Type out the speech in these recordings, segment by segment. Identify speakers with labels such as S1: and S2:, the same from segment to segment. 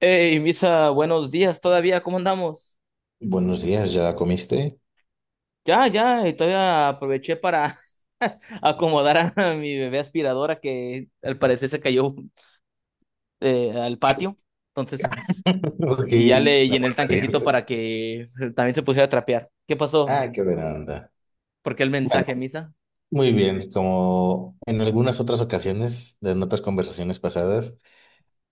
S1: Hey, Misa, buenos días todavía, ¿cómo andamos?
S2: Buenos días, ¿ya la comiste?
S1: Ya, ya, y todavía aproveché para acomodar a mi bebé aspiradora que al parecer se cayó al patio. Entonces, y ya
S2: Aquí,
S1: le
S2: la
S1: llené el
S2: puerta
S1: tanquecito
S2: abierta.
S1: para que también se pusiera a trapear. ¿Qué pasó?
S2: Ah, qué buena onda.
S1: ¿Por qué el
S2: Bueno,
S1: mensaje, Misa?
S2: muy bien, como en algunas otras ocasiones de en otras conversaciones pasadas,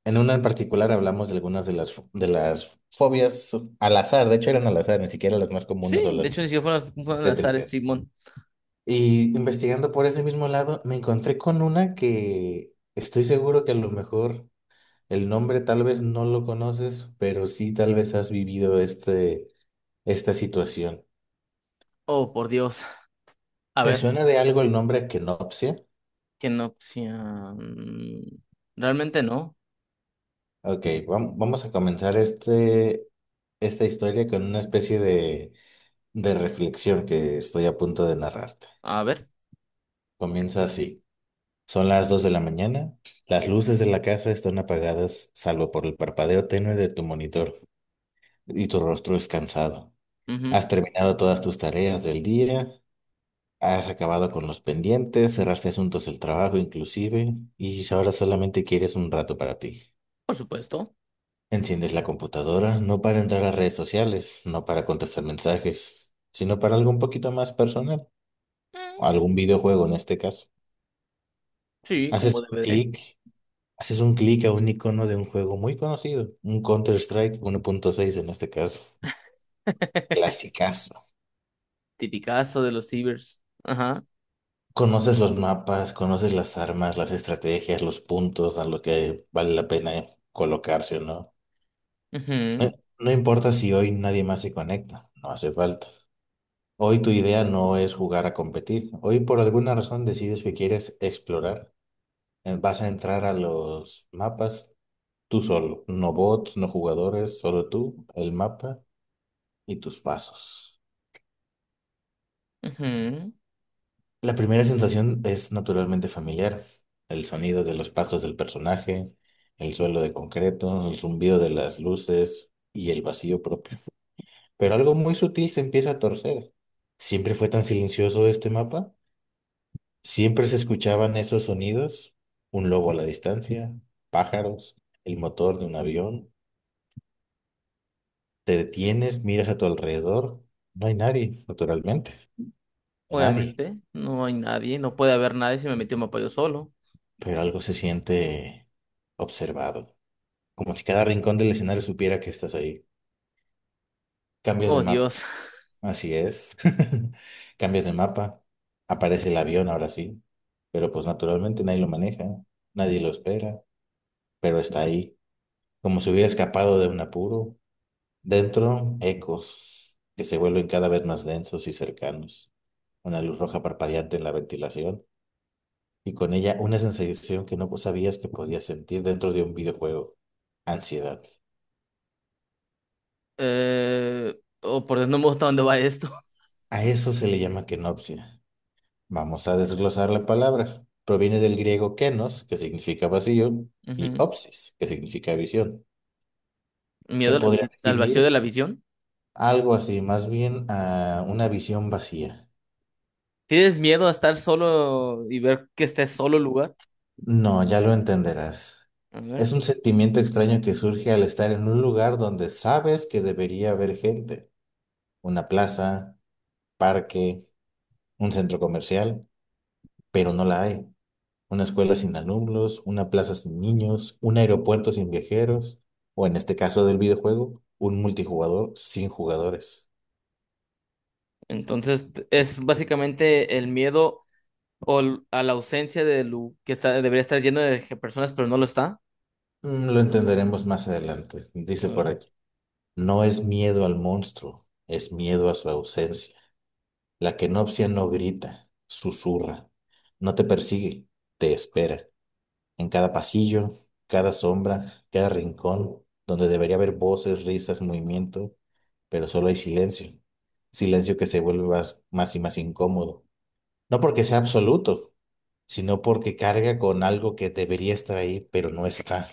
S2: en una en particular hablamos de algunas de las fobias al azar, de hecho eran al azar, ni siquiera las más comunes o
S1: Sí,
S2: las
S1: de hecho, ni siquiera
S2: más
S1: fueron, fueron las Ares,
S2: tétricas.
S1: Simón.
S2: Y investigando por ese mismo lado, me encontré con una que estoy seguro que a lo mejor el nombre tal vez no lo conoces, pero sí tal vez has vivido esta situación.
S1: Oh, por Dios. A
S2: ¿Te
S1: ver,
S2: suena de algo el nombre Kenopsia?
S1: ¿qué no opción? Realmente no.
S2: Ok, vamos a comenzar esta historia con una especie de reflexión que estoy a punto de narrarte.
S1: A ver,
S2: Comienza así. Son las 2 de la mañana. Las luces de la casa están apagadas, salvo por el parpadeo tenue de tu monitor, y tu rostro es cansado.
S1: ujú.
S2: Has terminado todas tus tareas del día, has acabado con los pendientes, cerraste asuntos del trabajo inclusive, y ahora solamente quieres un rato para ti.
S1: Por supuesto.
S2: Enciendes la computadora no para entrar a redes sociales, no para contestar mensajes, sino para algo un poquito más personal, o
S1: Mm,
S2: algún videojuego en este caso.
S1: sí, como
S2: Haces un
S1: DVD.
S2: clic, haces un clic a un icono de un juego muy conocido, un Counter-Strike 1.6 en este caso, clasicazo.
S1: Tipicazo de los cibers. Ajá.
S2: Conoces los mapas, conoces las armas, las estrategias, los puntos a lo que vale la pena colocarse o no. No
S1: Ujú,
S2: no importa si hoy nadie más se conecta, no hace falta. Hoy tu idea no es jugar a competir. Hoy por alguna razón decides que quieres explorar. Vas a entrar a los mapas tú solo. No bots, no jugadores, solo tú, el mapa y tus pasos.
S1: ujú.
S2: La primera sensación es naturalmente familiar. El sonido de los pasos del personaje, el suelo de concreto, el zumbido de las luces y el vacío propio. Pero algo muy sutil se empieza a torcer. ¿Siempre fue tan silencioso este mapa? Siempre se escuchaban esos sonidos, un lobo a la distancia, pájaros, el motor de un avión. Te detienes, miras a tu alrededor, no hay nadie, naturalmente, nadie,
S1: Obviamente, no hay nadie, no puede haber nadie si me metió un mapa yo solo.
S2: pero algo se siente observado, como si cada rincón del escenario supiera que estás ahí. Cambias de
S1: Oh,
S2: mapa,
S1: Dios.
S2: así es, cambias de mapa, aparece el avión ahora sí, pero pues naturalmente nadie lo maneja, nadie lo espera, pero está ahí, como si hubiera escapado de un apuro. Dentro, ecos que se vuelven cada vez más densos y cercanos. Una luz roja parpadeante en la ventilación y con ella una sensación que no sabías que podías sentir dentro de un videojuego. Ansiedad.
S1: Eh, oh, por Dios, no me gusta dónde va esto.
S2: A eso se le llama kenopsia. Vamos a desglosar la palabra. Proviene del griego kenos, que significa vacío, y
S1: Ujú.
S2: opsis, que significa visión. Se
S1: Miedo a
S2: podría
S1: al vacío de
S2: definir
S1: la visión.
S2: algo así, más bien a una visión vacía.
S1: ¿Tienes miedo a estar solo y ver que estés solo el lugar?
S2: No, ya lo entenderás.
S1: A ver.
S2: Es un sentimiento extraño que surge al estar en un lugar donde sabes que debería haber gente. Una plaza, parque, un centro comercial, pero no la hay. Una escuela sin alumnos, una plaza sin niños, un aeropuerto sin viajeros, o en este caso del videojuego, un multijugador sin jugadores.
S1: Entonces, es básicamente el miedo a la ausencia de que está, debería estar lleno de personas, pero no lo está.
S2: Mm, lo entenderemos más adelante,
S1: A
S2: dice por
S1: ver.
S2: aquí. No es miedo al monstruo, es miedo a su ausencia. La kenopsia no grita, susurra, no te persigue, te espera. En cada pasillo, cada sombra, cada rincón, donde debería haber voces, risas, movimiento, pero solo hay silencio. Silencio que se vuelve más, más y más incómodo. No porque sea absoluto, sino porque carga con algo que debería estar ahí, pero no está.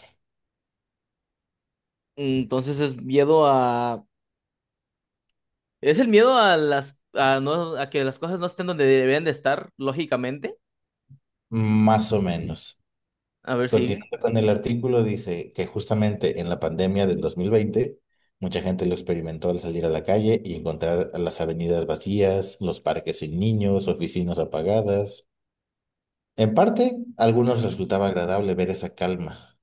S1: Entonces, es miedo a, es el miedo a las a no a que las cosas no estén donde deberían de estar, lógicamente.
S2: Más o menos.
S1: A ver, sigue.
S2: Continuando con el artículo, dice que justamente en la pandemia del 2020, mucha gente lo experimentó al salir a la calle y encontrar a las avenidas vacías, los parques sin niños, oficinas apagadas. En parte, a algunos
S1: Ujú,
S2: resultaba agradable ver esa calma,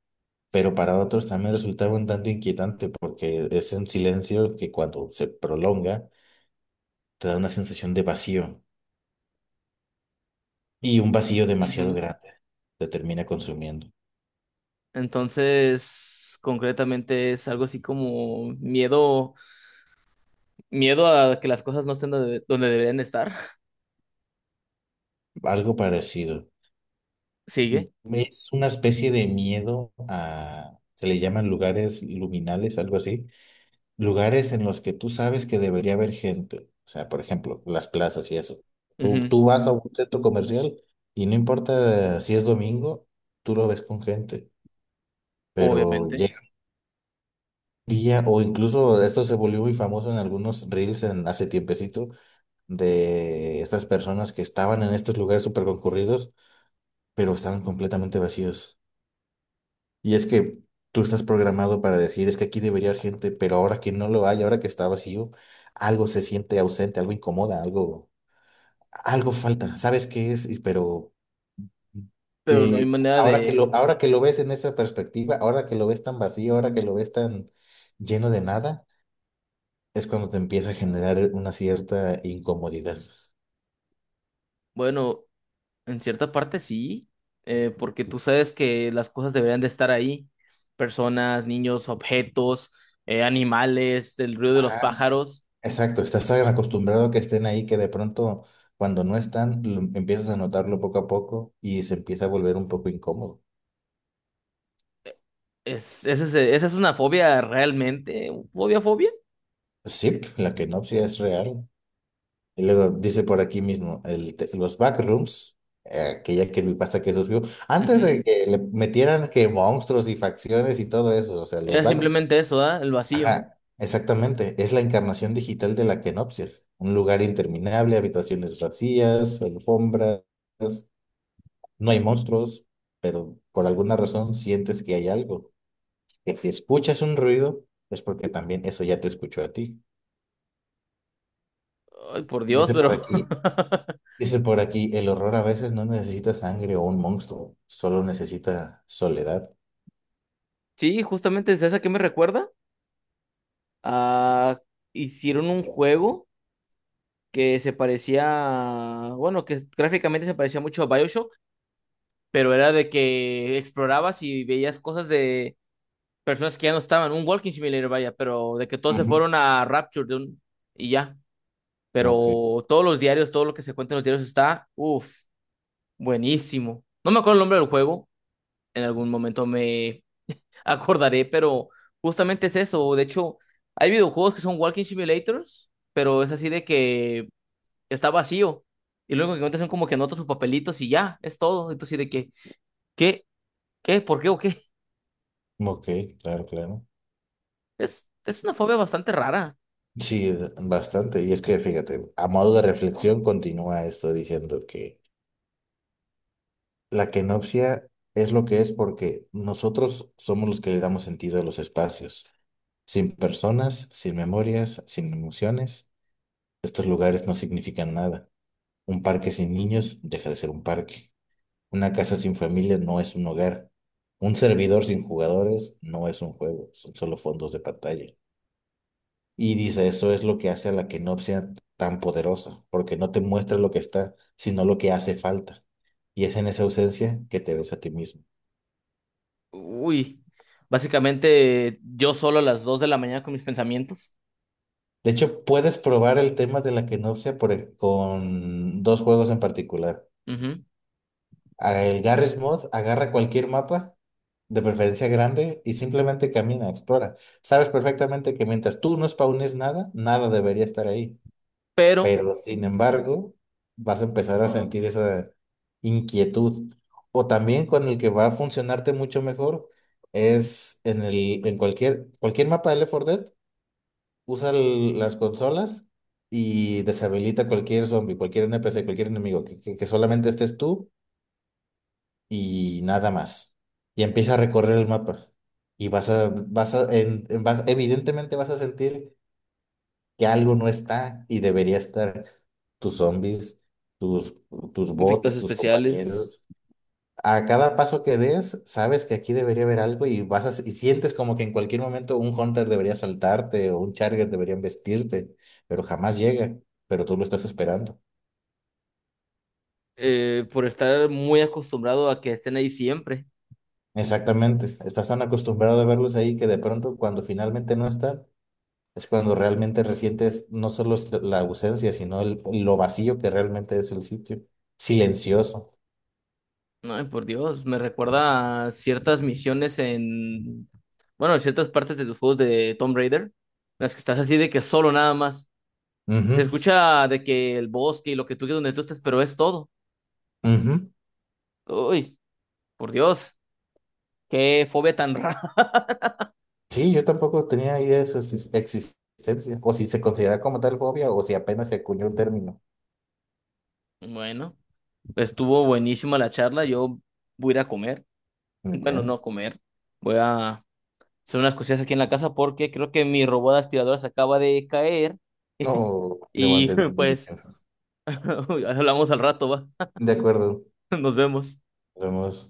S2: pero para otros también resultaba un tanto inquietante porque es un silencio que cuando se prolonga te da una sensación de vacío y un vacío demasiado
S1: ujú.
S2: grande te termina consumiendo.
S1: Entonces, concretamente es algo así como miedo, miedo a que las cosas no estén donde, donde deberían estar.
S2: Algo parecido.
S1: Sigue.
S2: Es una especie de miedo a, se le llaman lugares luminales, algo así, lugares en los que tú sabes que debería haber gente. O sea, por ejemplo, las plazas y eso. Tú,
S1: Ujú.
S2: tú vas a un centro comercial y no importa si es domingo, tú lo ves con gente, pero
S1: Obviamente,
S2: llega un día, o incluso esto se volvió muy famoso en algunos reels en, hace tiempecito, de estas personas que estaban en estos lugares súper concurridos, pero estaban completamente vacíos. Y es que tú estás programado para decir, es que aquí debería haber gente, pero ahora que no lo hay, ahora que está vacío, algo se siente ausente, algo incomoda, algo, algo falta. ¿Sabes qué es? Y, pero
S1: pero no hay
S2: te,
S1: manera de,
S2: ahora que lo ves en esa perspectiva, ahora que lo ves tan vacío, ahora que lo ves tan lleno de nada, es cuando te empieza a generar una cierta incomodidad.
S1: bueno, en cierta parte sí, porque tú sabes que las cosas deberían de estar ahí, personas, niños, objetos, animales, el ruido de los
S2: Ajá,
S1: pájaros.
S2: exacto, estás tan acostumbrado a que estén ahí que de pronto cuando no están, empiezas a notarlo poco a poco y se empieza a volver un poco incómodo.
S1: Es, esa es una fobia realmente, fobia, fobia.
S2: Sí, la kenopsia es real. Y luego dice por aquí mismo, los backrooms, aquella creepypasta que surgió, antes
S1: Ujú.
S2: de que le metieran que monstruos y facciones y todo eso, o sea, los
S1: Era
S2: backrooms,
S1: simplemente eso, ¿ah? El vacío.
S2: ajá, exactamente, es la encarnación digital de la kenopsia. Un lugar interminable, habitaciones vacías, alfombras, no hay monstruos, pero por alguna razón sientes que hay algo. Que si escuchas un ruido, es porque también eso ya te escuchó a ti.
S1: Ay, por Dios,
S2: Dice
S1: pero...
S2: por aquí. Dice por aquí, el horror a veces no necesita sangre o un monstruo, solo necesita soledad.
S1: Sí, justamente es esa que me recuerda. Ah, hicieron un juego que se parecía, bueno, que gráficamente se parecía mucho a BioShock, pero era de que explorabas y veías cosas de personas que ya no estaban, un walking simulator, vaya, pero de que todos se
S2: Ujú.
S1: fueron a Rapture de un, y ya.
S2: Ok,
S1: Pero todos los diarios, todo lo que se cuenta en los diarios está, uff, buenísimo. No me acuerdo el nombre del juego, en algún momento me acordaré, pero justamente es eso. De hecho, hay videojuegos que son walking simulators, pero es así de que está vacío. Y luego que encuentras son como que anotas sus papelitos y ya, es todo. Entonces, sí de que, ¿qué? ¿Qué? ¿Por qué o qué?
S2: ok, claro, claro.
S1: Es una fobia bastante rara.
S2: Sí, es bastante. Y es que fíjate, a modo de reflexión continúa esto diciendo que la kenopsia es lo que es porque nosotros somos los que le damos sentido a los espacios. Sin personas, sin memorias, sin emociones, estos lugares no significan nada. Un parque sin niños deja de ser un parque. Una casa sin familia no es un hogar. Un servidor sin jugadores no es un juego, son solo fondos de pantalla. Y dice, eso es lo que hace a la Kenopsia tan poderosa, porque no te muestra lo que está, sino lo que hace falta. Y es en esa ausencia que te ves a ti mismo.
S1: Uy, básicamente yo solo a las 2 de la mañana con mis pensamientos.
S2: De hecho, puedes probar el tema de la Kenopsia con dos juegos en particular.
S1: Ujú.
S2: Ah, el Garry's Mod agarra cualquier mapa, de preferencia grande, y simplemente camina, explora. Sabes perfectamente que mientras tú no spawnes nada, nada debería estar ahí.
S1: Pero
S2: Pero sin embargo, vas a empezar a sentir esa inquietud. O también con el que va a funcionarte mucho mejor es en el, en cualquier, cualquier mapa de Left 4 Dead, usa las consolas y deshabilita cualquier zombie, cualquier NPC, cualquier enemigo, que solamente estés tú y nada más. Y empieza a recorrer el mapa. Y vas a, vas a, en- vas- evidentemente vas a sentir que algo no está y debería estar. Tus zombies, tus, tus
S1: efectos
S2: bots, tus
S1: especiales,
S2: compañeros. A cada paso que des, sabes que aquí debería haber algo y y sientes como que en cualquier momento un Hunter debería saltarte o un Charger debería embestirte, pero jamás llega, pero tú lo estás esperando.
S1: por estar muy acostumbrado a que estén ahí siempre.
S2: Exactamente, estás tan acostumbrado a verlos ahí que de pronto cuando finalmente no están, es cuando realmente resientes no solo es la ausencia, sino el, lo vacío que realmente es el sitio. Silencioso.
S1: Ay, por Dios, me recuerda a ciertas misiones en, bueno, en ciertas partes de los juegos de Tomb Raider, en las que estás así de que solo nada más. Se
S2: Ujú,
S1: escucha de que el bosque y lo que tú, quieras donde tú estés, pero es todo.
S2: ujú.
S1: Uy, por Dios, qué fobia tan rara.
S2: Sí, yo tampoco tenía idea de su existencia. O si se considera como tal fobia o si apenas se acuñó el término.
S1: Bueno. Estuvo buenísima la charla. Yo voy a ir a comer.
S2: Muy
S1: Bueno,
S2: bien.
S1: no comer. Voy a hacer unas cosillas aquí en la casa porque creo que mi robot aspirador se acaba de caer.
S2: No
S1: Y
S2: levanten al niño.
S1: pues hablamos al rato, va.
S2: De acuerdo.
S1: Nos vemos.
S2: Vamos.